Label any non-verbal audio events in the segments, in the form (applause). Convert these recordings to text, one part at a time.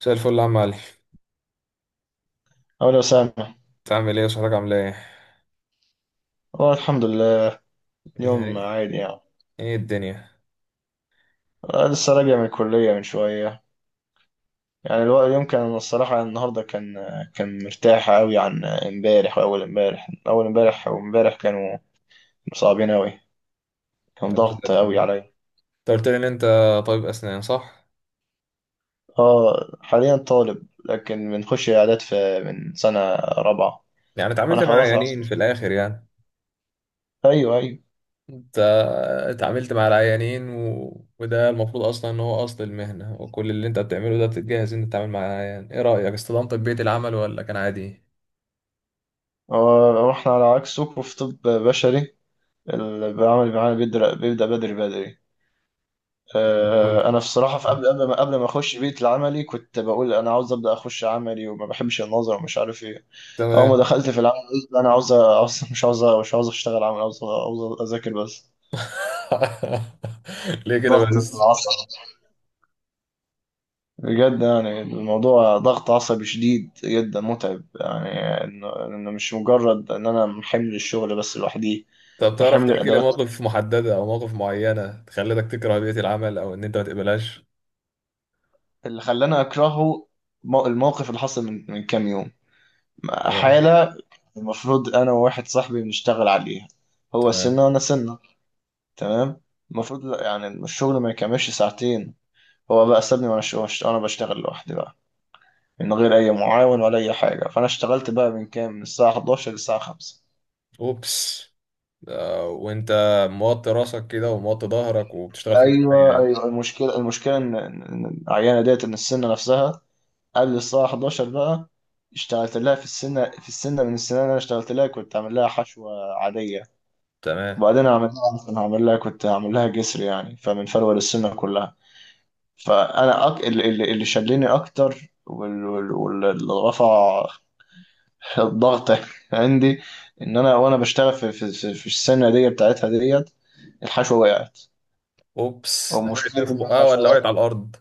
مساء الفل يا عم علي. أو لو سامح. انت عامل ايه وصحتك عامله ايه؟ والله الحمد لله. اليوم ايه، عادي يعني. ايه الدنيا؟ أنا لسه راجع من الكلية من شوية. يعني الوقت اليوم كان الصراحة النهاردة كان مرتاح أوي عن امبارح وأول امبارح، أول امبارح وامبارح كانوا صعبين أوي. يا كان رب زي ضغط الفل. أوي عليا. انت قلت لي ان انت طبيب اسنان، صح؟ اه، حاليا طالب لكن بنخش إعداد في من سنة رابعة. يعني اتعاملت وأنا مع عيانين خلاص. في الاخر يعني؟ أيوه، أيوه. انت اتعاملت مع العيانين، و... وده المفروض اصلا ان هو اصل المهنه، وكل اللي انت بتعمله ده بتتجهز ان انت تتعامل مع العيان. ايه رايك، استلمت بيئه العمل ولا كان عادي؟ هو- هو إحنا على عكسكم في طب بشري. اللي بعمل معانا بيبدأ بدري بدري. كله انا بصراحه في قبل ما اخش بيت العملي كنت بقول انا عاوز ابدا اخش عملي وما بحبش النظر ومش عارف ايه. اول ما تمام. دخلت في العمل قلت لا، انا عاوز مش عاوز اشتغل عمل عاوز اذاكر بس. (laughs) ليه كده ضغط بس؟ العصب بجد، يعني الموضوع ضغط عصبي شديد جدا متعب يعني. إنه مش مجرد ان انا حمل الشغل بس لوحدي. طب ده تعرف حمل تحكي لي الادوات موقف محددة أو مواقف معينة خلتك تكره بيئة العمل أو إن أنت ما تقبلهاش؟ اللي خلاني اكرهه. الموقف اللي حصل من كام يوم. حالة المفروض أنا وواحد صاحبي بنشتغل عليها، هو تمام. سنة وأنا سنة، تمام. المفروض يعني الشغل ما يكملش ساعتين. هو بقى سابني وأنا بشتغل لوحدي بقى من غير أي معاون ولا أي حاجة، فأنا اشتغلت بقى من كام، من الساعة 11 للساعة 5. اوبس. وانت موطي راسك كده وموطي ظهرك وبتشتغل في أيوه، بقاية. أيوه. المشكلة إن العيانة ديت، إن السنة نفسها قبل الساعة 11 بقى اشتغلت لها. في السنة في السنة من السنة اللي أنا اشتغلت لها كنت عامل لها حشوة عادية. تمام. وبعدين عملناها اصلا، هعمل لها، كنت هعمل لها جسر يعني، فمن فروه للسنه كلها. فانا اللي شلني اكتر، واللي رفع (laughs) الضغط عندي، ان انا وانا بشتغل في السنه دي بتاعتها ديت، الحشوه وقعت. اوبس، ده حاجه ومشكله في ان بقها ولا وقعت على الحشوات، الارض؟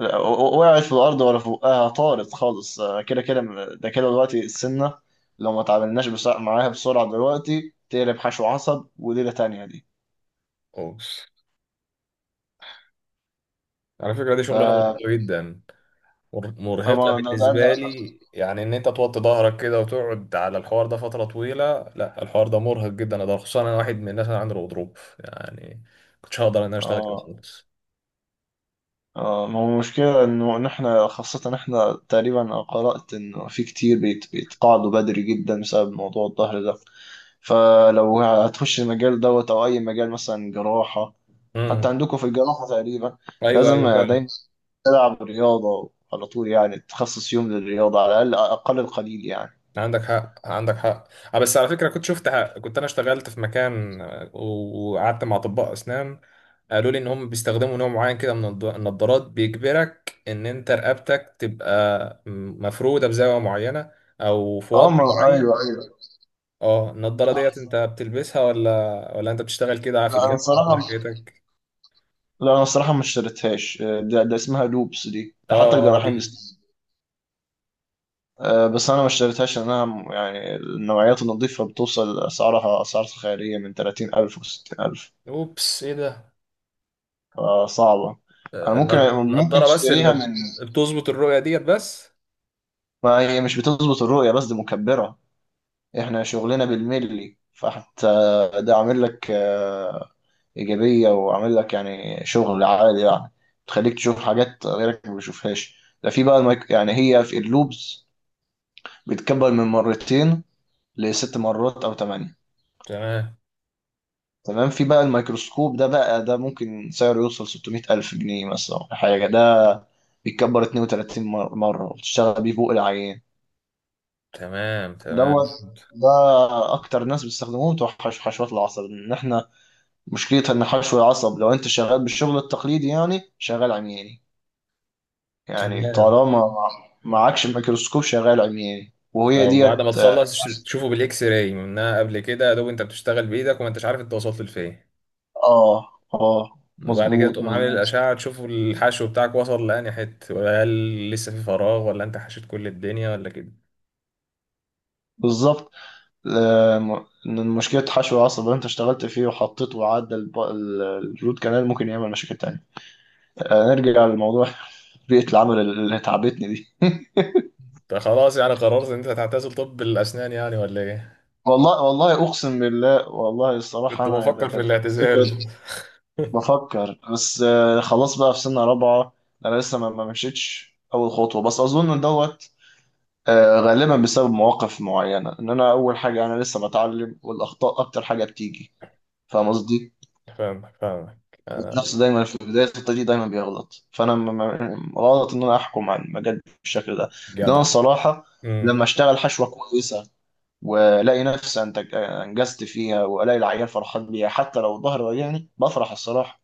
لا، وقعت في الارض ولا فوقها؟ طارت خالص. أنا كده كده، ده كده دلوقتي السنه لو ما تعاملناش بسرعة معاها، بسرعه دلوقتي تقلب حشو عصب، وليله تانيه دي. اوبس، على فكره دي ف شغلانه مرهقه جدا. مرهقه هو ده. بالنسبه لي، يعني ان انت توطي ظهرك كده وتقعد على الحوار ده فتره طويله، لا الحوار ده مرهق جدا ده، خصوصا انا واحد من الناس اللي عنده غضروف يعني. كنتش هقدر ان انا اشتغل كده اه. خالص. اه، ما هو المشكلة إن احنا، خاصة احنا تقريبا، أنا قرأت انه في كتير بيت بيتقاعدوا بدري جدا بسبب موضوع الظهر ده. فلو هتخش المجال دوت او اي مجال مثلا جراحة، حتى امم. عندكم في الجراحة تقريبا ايوه ايوه لازم دايما فعلا. تلعب رياضة على طول، يعني تخصص يوم للرياضة على الاقل، اقل القليل يعني. عندك حق عندك حق. اه بس على فكره كنت شفت حق. كنت انا اشتغلت في مكان، وقعدت مع اطباء اسنان. قالوا لي ان هم بيستخدموا نوع معين كده من النضارات، بيجبرك ان انت رقبتك تبقى مفروده بزاويه معينه، او في اه، وضع ما معين. ايوه، ايوه. اه النضاره صح، ديت انت صح. بتلبسها، ولا ولا انت بتشتغل كده في لا انا الجامعه، ولا الصراحة إيه حكايتك؟ لا، انا الصراحة ما اشتريتهاش. ده اسمها لوبس دي، اه ده حتى اه دي. الجراحين بيستخدموها. بس انا ما اشتريتهاش لانها يعني النوعيات النظيفه بتوصل اسعارها، اسعار خياليه من 30,000 و60000، اوبس، ايه ده؟ فصعبه. انا ممكن النضاره بس تشتريها اللي من. بتظبط الرؤيه ديت بس؟ ما هي مش بتظبط الرؤيه بس، دي مكبره، احنا شغلنا بالملي، فحتى ده عامل لك ايجابيه، وعامل لك يعني شغل عالي يعني، بتخليك تشوف حاجات غيرك ما بيشوفهاش. ده في بقى يعني هي في اللوبز بتكبر من مرتين لست مرات او ثمانيه. تمام تمام. في بقى الميكروسكوب ده بقى، ده ممكن سعره يوصل 600 ألف جنيه مثلا ولا حاجة، ده بيتكبر 32 مرة وبتشتغل بيه فوق العيان تمام. تمام دوت. ده أكتر ناس بيستخدموه بتوع حشوات العصب. إن إحنا مشكلتها إن حشو العصب، لو أنت شغال بالشغل التقليدي، يعني شغال عمياني يعني، تمام. طالما معكش الميكروسكوب شغال عمياني، وهي او بعد ما ديت آه. تخلص تشوفه بالاكس راي منها قبل كده، يا دوب انت بتشتغل بايدك وما انتش عارف انت وصلت لفين. وبعد كده مظبوط، تقوم عامل مظبوط. الاشعه تشوف الحشو بتاعك وصل لاني حته، ولا هل لسه في فراغ، ولا انت حشيت كل الدنيا ولا كده. بالظبط. إن مشكلة حشو العصب اللي انت اشتغلت فيه وحطيته وعدى الروت كانال، ممكن يعمل مشاكل تانية. نرجع للموضوع (laughs) بيئة العمل اللي تعبتني دي (laughs) انت خلاص يعني قررت ان انت هتعتزل طب الاسنان يعني ولا ايه؟ والله، والله، أقسم بالله، والله الصراحة كنت أنا بفكر في الاعتزال. (laughs) بفكر، بس. خلاص بقى في سنة رابعة، أنا لسه ما مشيتش أول خطوة، بس أظن إن دوت غالبا بسبب مواقف معينة. إن أنا أول حاجة أنا لسه بتعلم، والأخطاء أكتر حاجة بتيجي. فاهم قصدي؟ فاهمك فاهمك. انا النفس دايما في بداية الطريق دايما بيغلط، فأنا غلط إن أنا أحكم على المجال بالشكل ده. لأن أنا جدع. الصراحة امم. لما أشتغل حشوة كويسة وألاقي نفسي أنتج، أنجزت فيها، وألاقي العيال فرحان بيها، حتى لو ظهري وجعني بفرح الصراحة.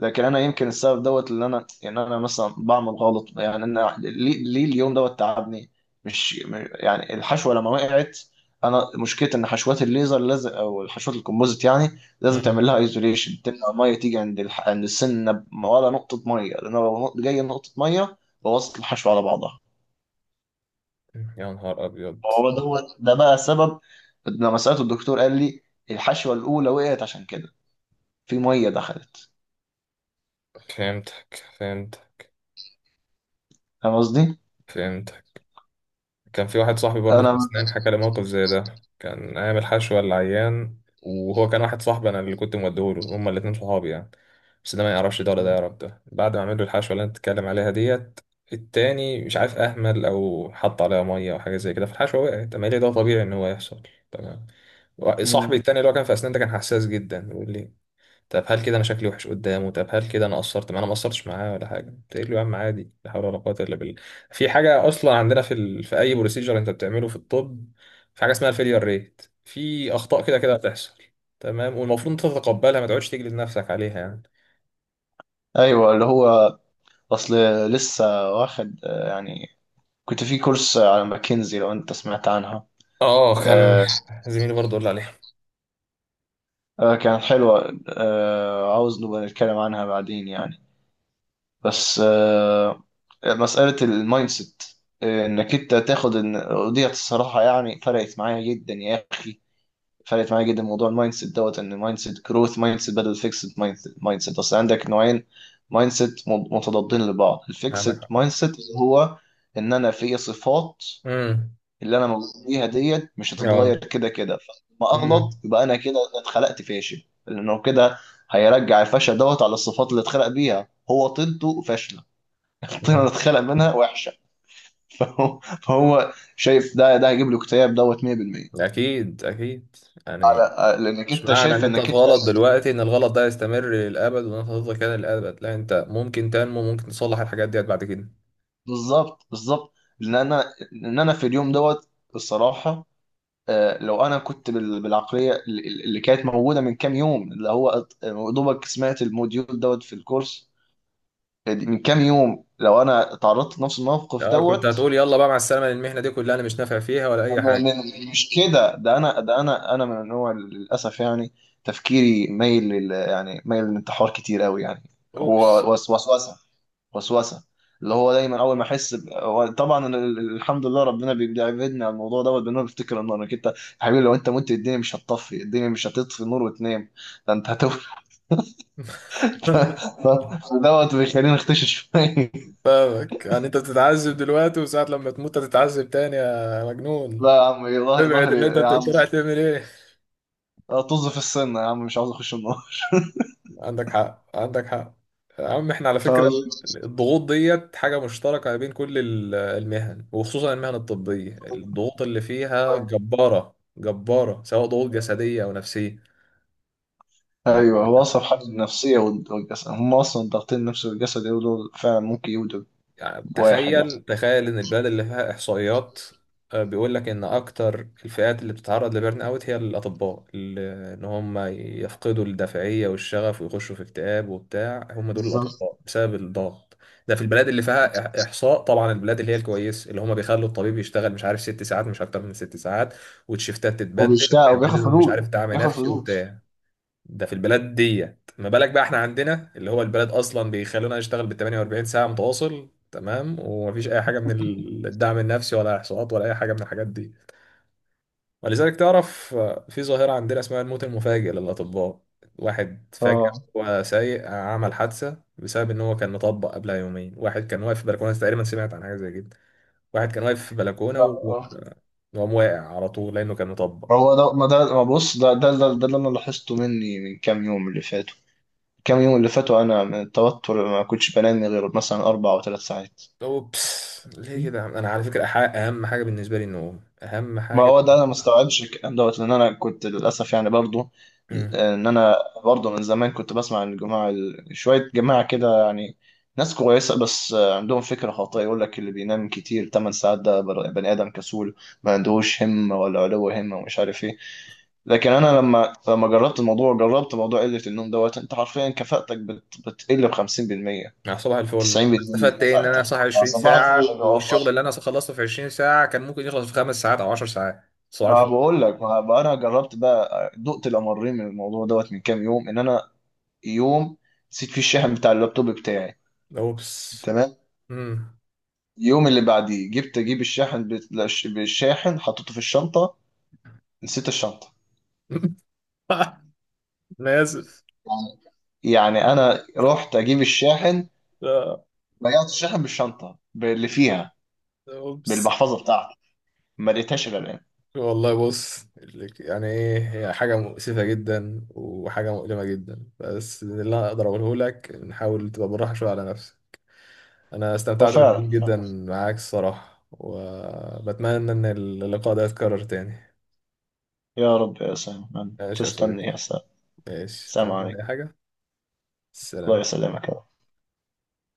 لكن انا يمكن السبب دوت اللي انا يعني انا مثلا بعمل غلط، يعني انا ليه اليوم دوت تعبني. مش م- يعني الحشوه لما وقعت، انا مشكلتي ان حشوات الليزر لازم، او الحشوات الكومبوزيت يعني لازم امم. تعمل لها ايزوليشن تمنع الميه تيجي عند عند السنه ولا نقطه ميه، لان لو جايه نقطه ميه بوظت الحشوه على بعضها. يا نهار ابيض. هو دوت ده بقى سبب، لما سالته الدكتور قال لي الحشوه الاولى وقعت عشان كده، في ميه دخلت. فهمتك فهمت. فاهم قصدي؟ فهمت. كان في واحد صاحبي برضه في انا. أسنان حكى لي موقف زي ده، كان أيام الحشوة العيان. وهو كان واحد صاحبي، أنا اللي كنت موديهوله، هما الاتنين صحابي يعني. بس ده ما يعرفش ده ولا ده يعرف ده. بعد ما عمل له الحشوة اللي أنت بتتكلم عليها ديت، التاني مش عارف أهمل أو حط عليها مية أو حاجة زي كده، فالحشوة وقعت. أما ليه ده طبيعي إن هو يحصل. تمام. صاحبي مم. التاني اللي هو كان في أسنان ده كان حساس جدا، بيقول لي طب هل كده انا شكلي وحش قدامه؟ طب هل كده انا قصرت معاه؟ انا ما قصرتش معاه ولا حاجه. تقول له يا عم عادي، لا حول ولا قوه الا بالله. في حاجه اصلا عندنا في في اي بروسيجر انت بتعمله في الطب، في حاجه اسمها الفيلير ريت، في اخطاء كده كده هتحصل. تمام. والمفروض انت تتقبلها، ما تقعدش تجلد نفسك عليها يعني. ايوه، اللي هو اصل لسه واخد يعني كنت في كورس على ماكنزي، لو انت سمعت عنها. اه كان آه، زميلي برضه قال لي عليها. كانت حلوه، عاوز نبقى نتكلم عنها بعدين يعني، بس مساله المايند سيت، انك انت تاخد ان وديت الصراحه يعني فرقت معايا جدا يا اخي. فرقت معايا جدا موضوع المايند سيت دوت، ان مايند سيت جروث، مايند سيت بدل فيكسد مايند سيت. اصل عندك نوعين مايند سيت متضادين لبعض، عندك الفيكسد حق. مايند سيت اللي هو ان انا في صفات امم. اللي انا موجود بيها ديت مش اه. هتتغير كده كده، فلما اغلط امم. يبقى انا كده اتخلقت فاشل، لانه كده هيرجع الفشل دوت على الصفات اللي اتخلق بيها، هو طينته فاشله. (laughs) الطينه اللي امم. اتخلق منها وحشه (laughs) فهو شايف ده هيجيب له اكتئاب دوت 100%. اكيد اكيد. يعني لانك مش انت معنى ان شايف انت في انك انت. غلط دلوقتي ان الغلط ده يستمر للابد وان انت هتفضل كده للابد. لا، انت ممكن تنمو، ممكن تصلح الحاجات ديت بعد كده. بالظبط، بالظبط، لان انا، ان انا في اليوم دوت الصراحه. لو انا كنت بالعقليه اللي كانت موجوده من كام يوم، اللي هو أط- دوبك سمعت الموديول دوت في الكورس من كام يوم، لو انا تعرضت لنفس الموقف لا كنت دوت هتقول يلا بقى مع السلامه المهنه دي كلها انا مش نافع فيها ولا اي حاجه. مش كده. ده انا ده انا انا من النوع اللي للاسف يعني تفكيري مايل يعني مايل للانتحار كتير قوي يعني. اوبس. هو وسواس، وسوسه، اللي هو دايما اول ما احس هو طبعا أنا الحمد لله ربنا بيبعدني عن الموضوع دوت، بان انا بفتكر النار. انك انت يا حبيبي، لو انت مت الدنيا مش هتطفي، الدنيا مش هتطفي النور وتنام، ده انت هتولد. (laughs) (laughs) دوت بيخليني اختشي شويه فاهمك. يعني انت بتتعذب دلوقتي وساعة لما تموت هتتعذب تاني يا (laughs) مجنون. لا يا عم، إيه، ابعد، ظهري اللي انت يا عم. انت رايح تعمل ايه؟ طز في السن يا عم، مش عاوز اخش النار. عندك حق عندك حق. يا عم احنا على (laughs) فكرة فاهم قصدي؟ الضغوط ديت حاجة مشتركة بين كل المهن، وخصوصا المهن الطبية الضغوط اللي فيها جبارة جبارة، سواء ضغوط جسدية أو نفسية. ايوه، هو اصعب حاجه النفسيه والجسد، هم اصلا ضاغطين النفس والجسد يقولوا، دول فعلا ممكن يودوا يعني بواحد يعني. تخيل تخيل ان البلد اللي فيها احصائيات، بيقول لك ان اكتر الفئات اللي بتتعرض لبرن اوت هي الاطباء ان هم يفقدوا الدافعيه والشغف ويخشوا في اكتئاب وبتاع، هم دول بالظبط. الاطباء بسبب الضغط. ده في البلاد اللي فيها احصاء طبعا. البلاد اللي هي الكويسه اللي هم بيخلوا الطبيب يشتغل مش عارف 6 ساعات، مش اكتر من 6 ساعات، والشيفتات هو تتبدل، بيشتاق وبياخد ويعملوا لهم مش فلوس، عارف دعم بياخد نفسي فلوس. وبتاع. ده في البلاد ديت. ما بالك بقى احنا عندنا اللي هو البلد اصلا بيخلونا نشتغل بال 48 ساعه متواصل، تمام، ومفيش اي حاجه من الدعم النفسي ولا احصاءات ولا اي حاجه من الحاجات دي. ولذلك تعرف في ظاهره عندنا اسمها الموت المفاجئ للاطباء. واحد فجأة اه. هو سايق عمل حادثة بسبب ان هو كان مطبق قبلها يومين. واحد كان واقف في بلكونة تقريبا، سمعت عن حاجة زي كده. واحد كان واقف في بلكونة لا، اه، وقام واقع على طول لانه كان مطبق. ما هو ده ما ده ما بص، ده اللي انا لاحظته مني من كام يوم اللي فاتوا. كام يوم اللي فاتوا انا من التوتر ما كنتش بنام غير مثلا 4 أو 3 ساعات. اوبس ليه كده يا عم؟ انا على فكره اهم حاجه بالنسبه لي النوم، اهم ما حاجه هو ده بالنسبه انا ما لي. استوعبش الكلام دوت، لان انا كنت للاسف يعني برضو، امم. ان انا برضو من زمان كنت بسمع عن الجماعه شويه جماعه كده يعني، ناس كويسه بس عندهم فكره خاطئه يقول لك اللي بينام كتير 8 ساعات ده بني ادم كسول، ما عندهوش همه ولا علو همه، ومش عارف ايه. لكن انا لما جربت الموضوع، جربت موضوع قله النوم دوت، انت حرفيا كفاءتك بتقل ب 50%، مع صباح الفل انا استفدت 90% ايه ان انا كفاءتك. صاحي 20 فصباح الفل يا ساعه، جماعة. والشغل اللي انا خلصته في 20 ساعه كان ممكن يخلص في 5 ساعات او 10 ساعات. صباح ما الفل. بقول لك، ما بقى انا جربت بقى، دقت الامرين من الموضوع دوت من كام يوم، ان انا يوم نسيت فيه الشاحن بتاع اللابتوب بتاعي، اوبس. تمام. امم. اليوم اللي بعديه جبت اجيب الشاحن بالشاحن، حطيته في الشنطه، نسيت الشنطه. (laughs) انا اسف. يعني، يعني انا رحت اجيب الشاحن، آه، ضيعت الشاحن بالشنطه باللي فيها، اوبس. بالمحفظه بتاعتي، ما لقيتهاش الا الان. والله بص. يعني ايه هي حاجه مؤسفه جدا وحاجه مؤلمه جدا، بس اللي انا اقدر اقوله لك نحاول تبقى بالراحه شويه على نفسك. انا استمتعت وفعلا. بالكلام جدا معاك الصراحة، وبتمنى ان اللقاء ده يتكرر تاني. يا رب، يا سلام، ماشي يا تستني، صديقي. يا سلام. ماشي سلام تقول لي اي عليكم. حاجة. الله سلام. يسلمك.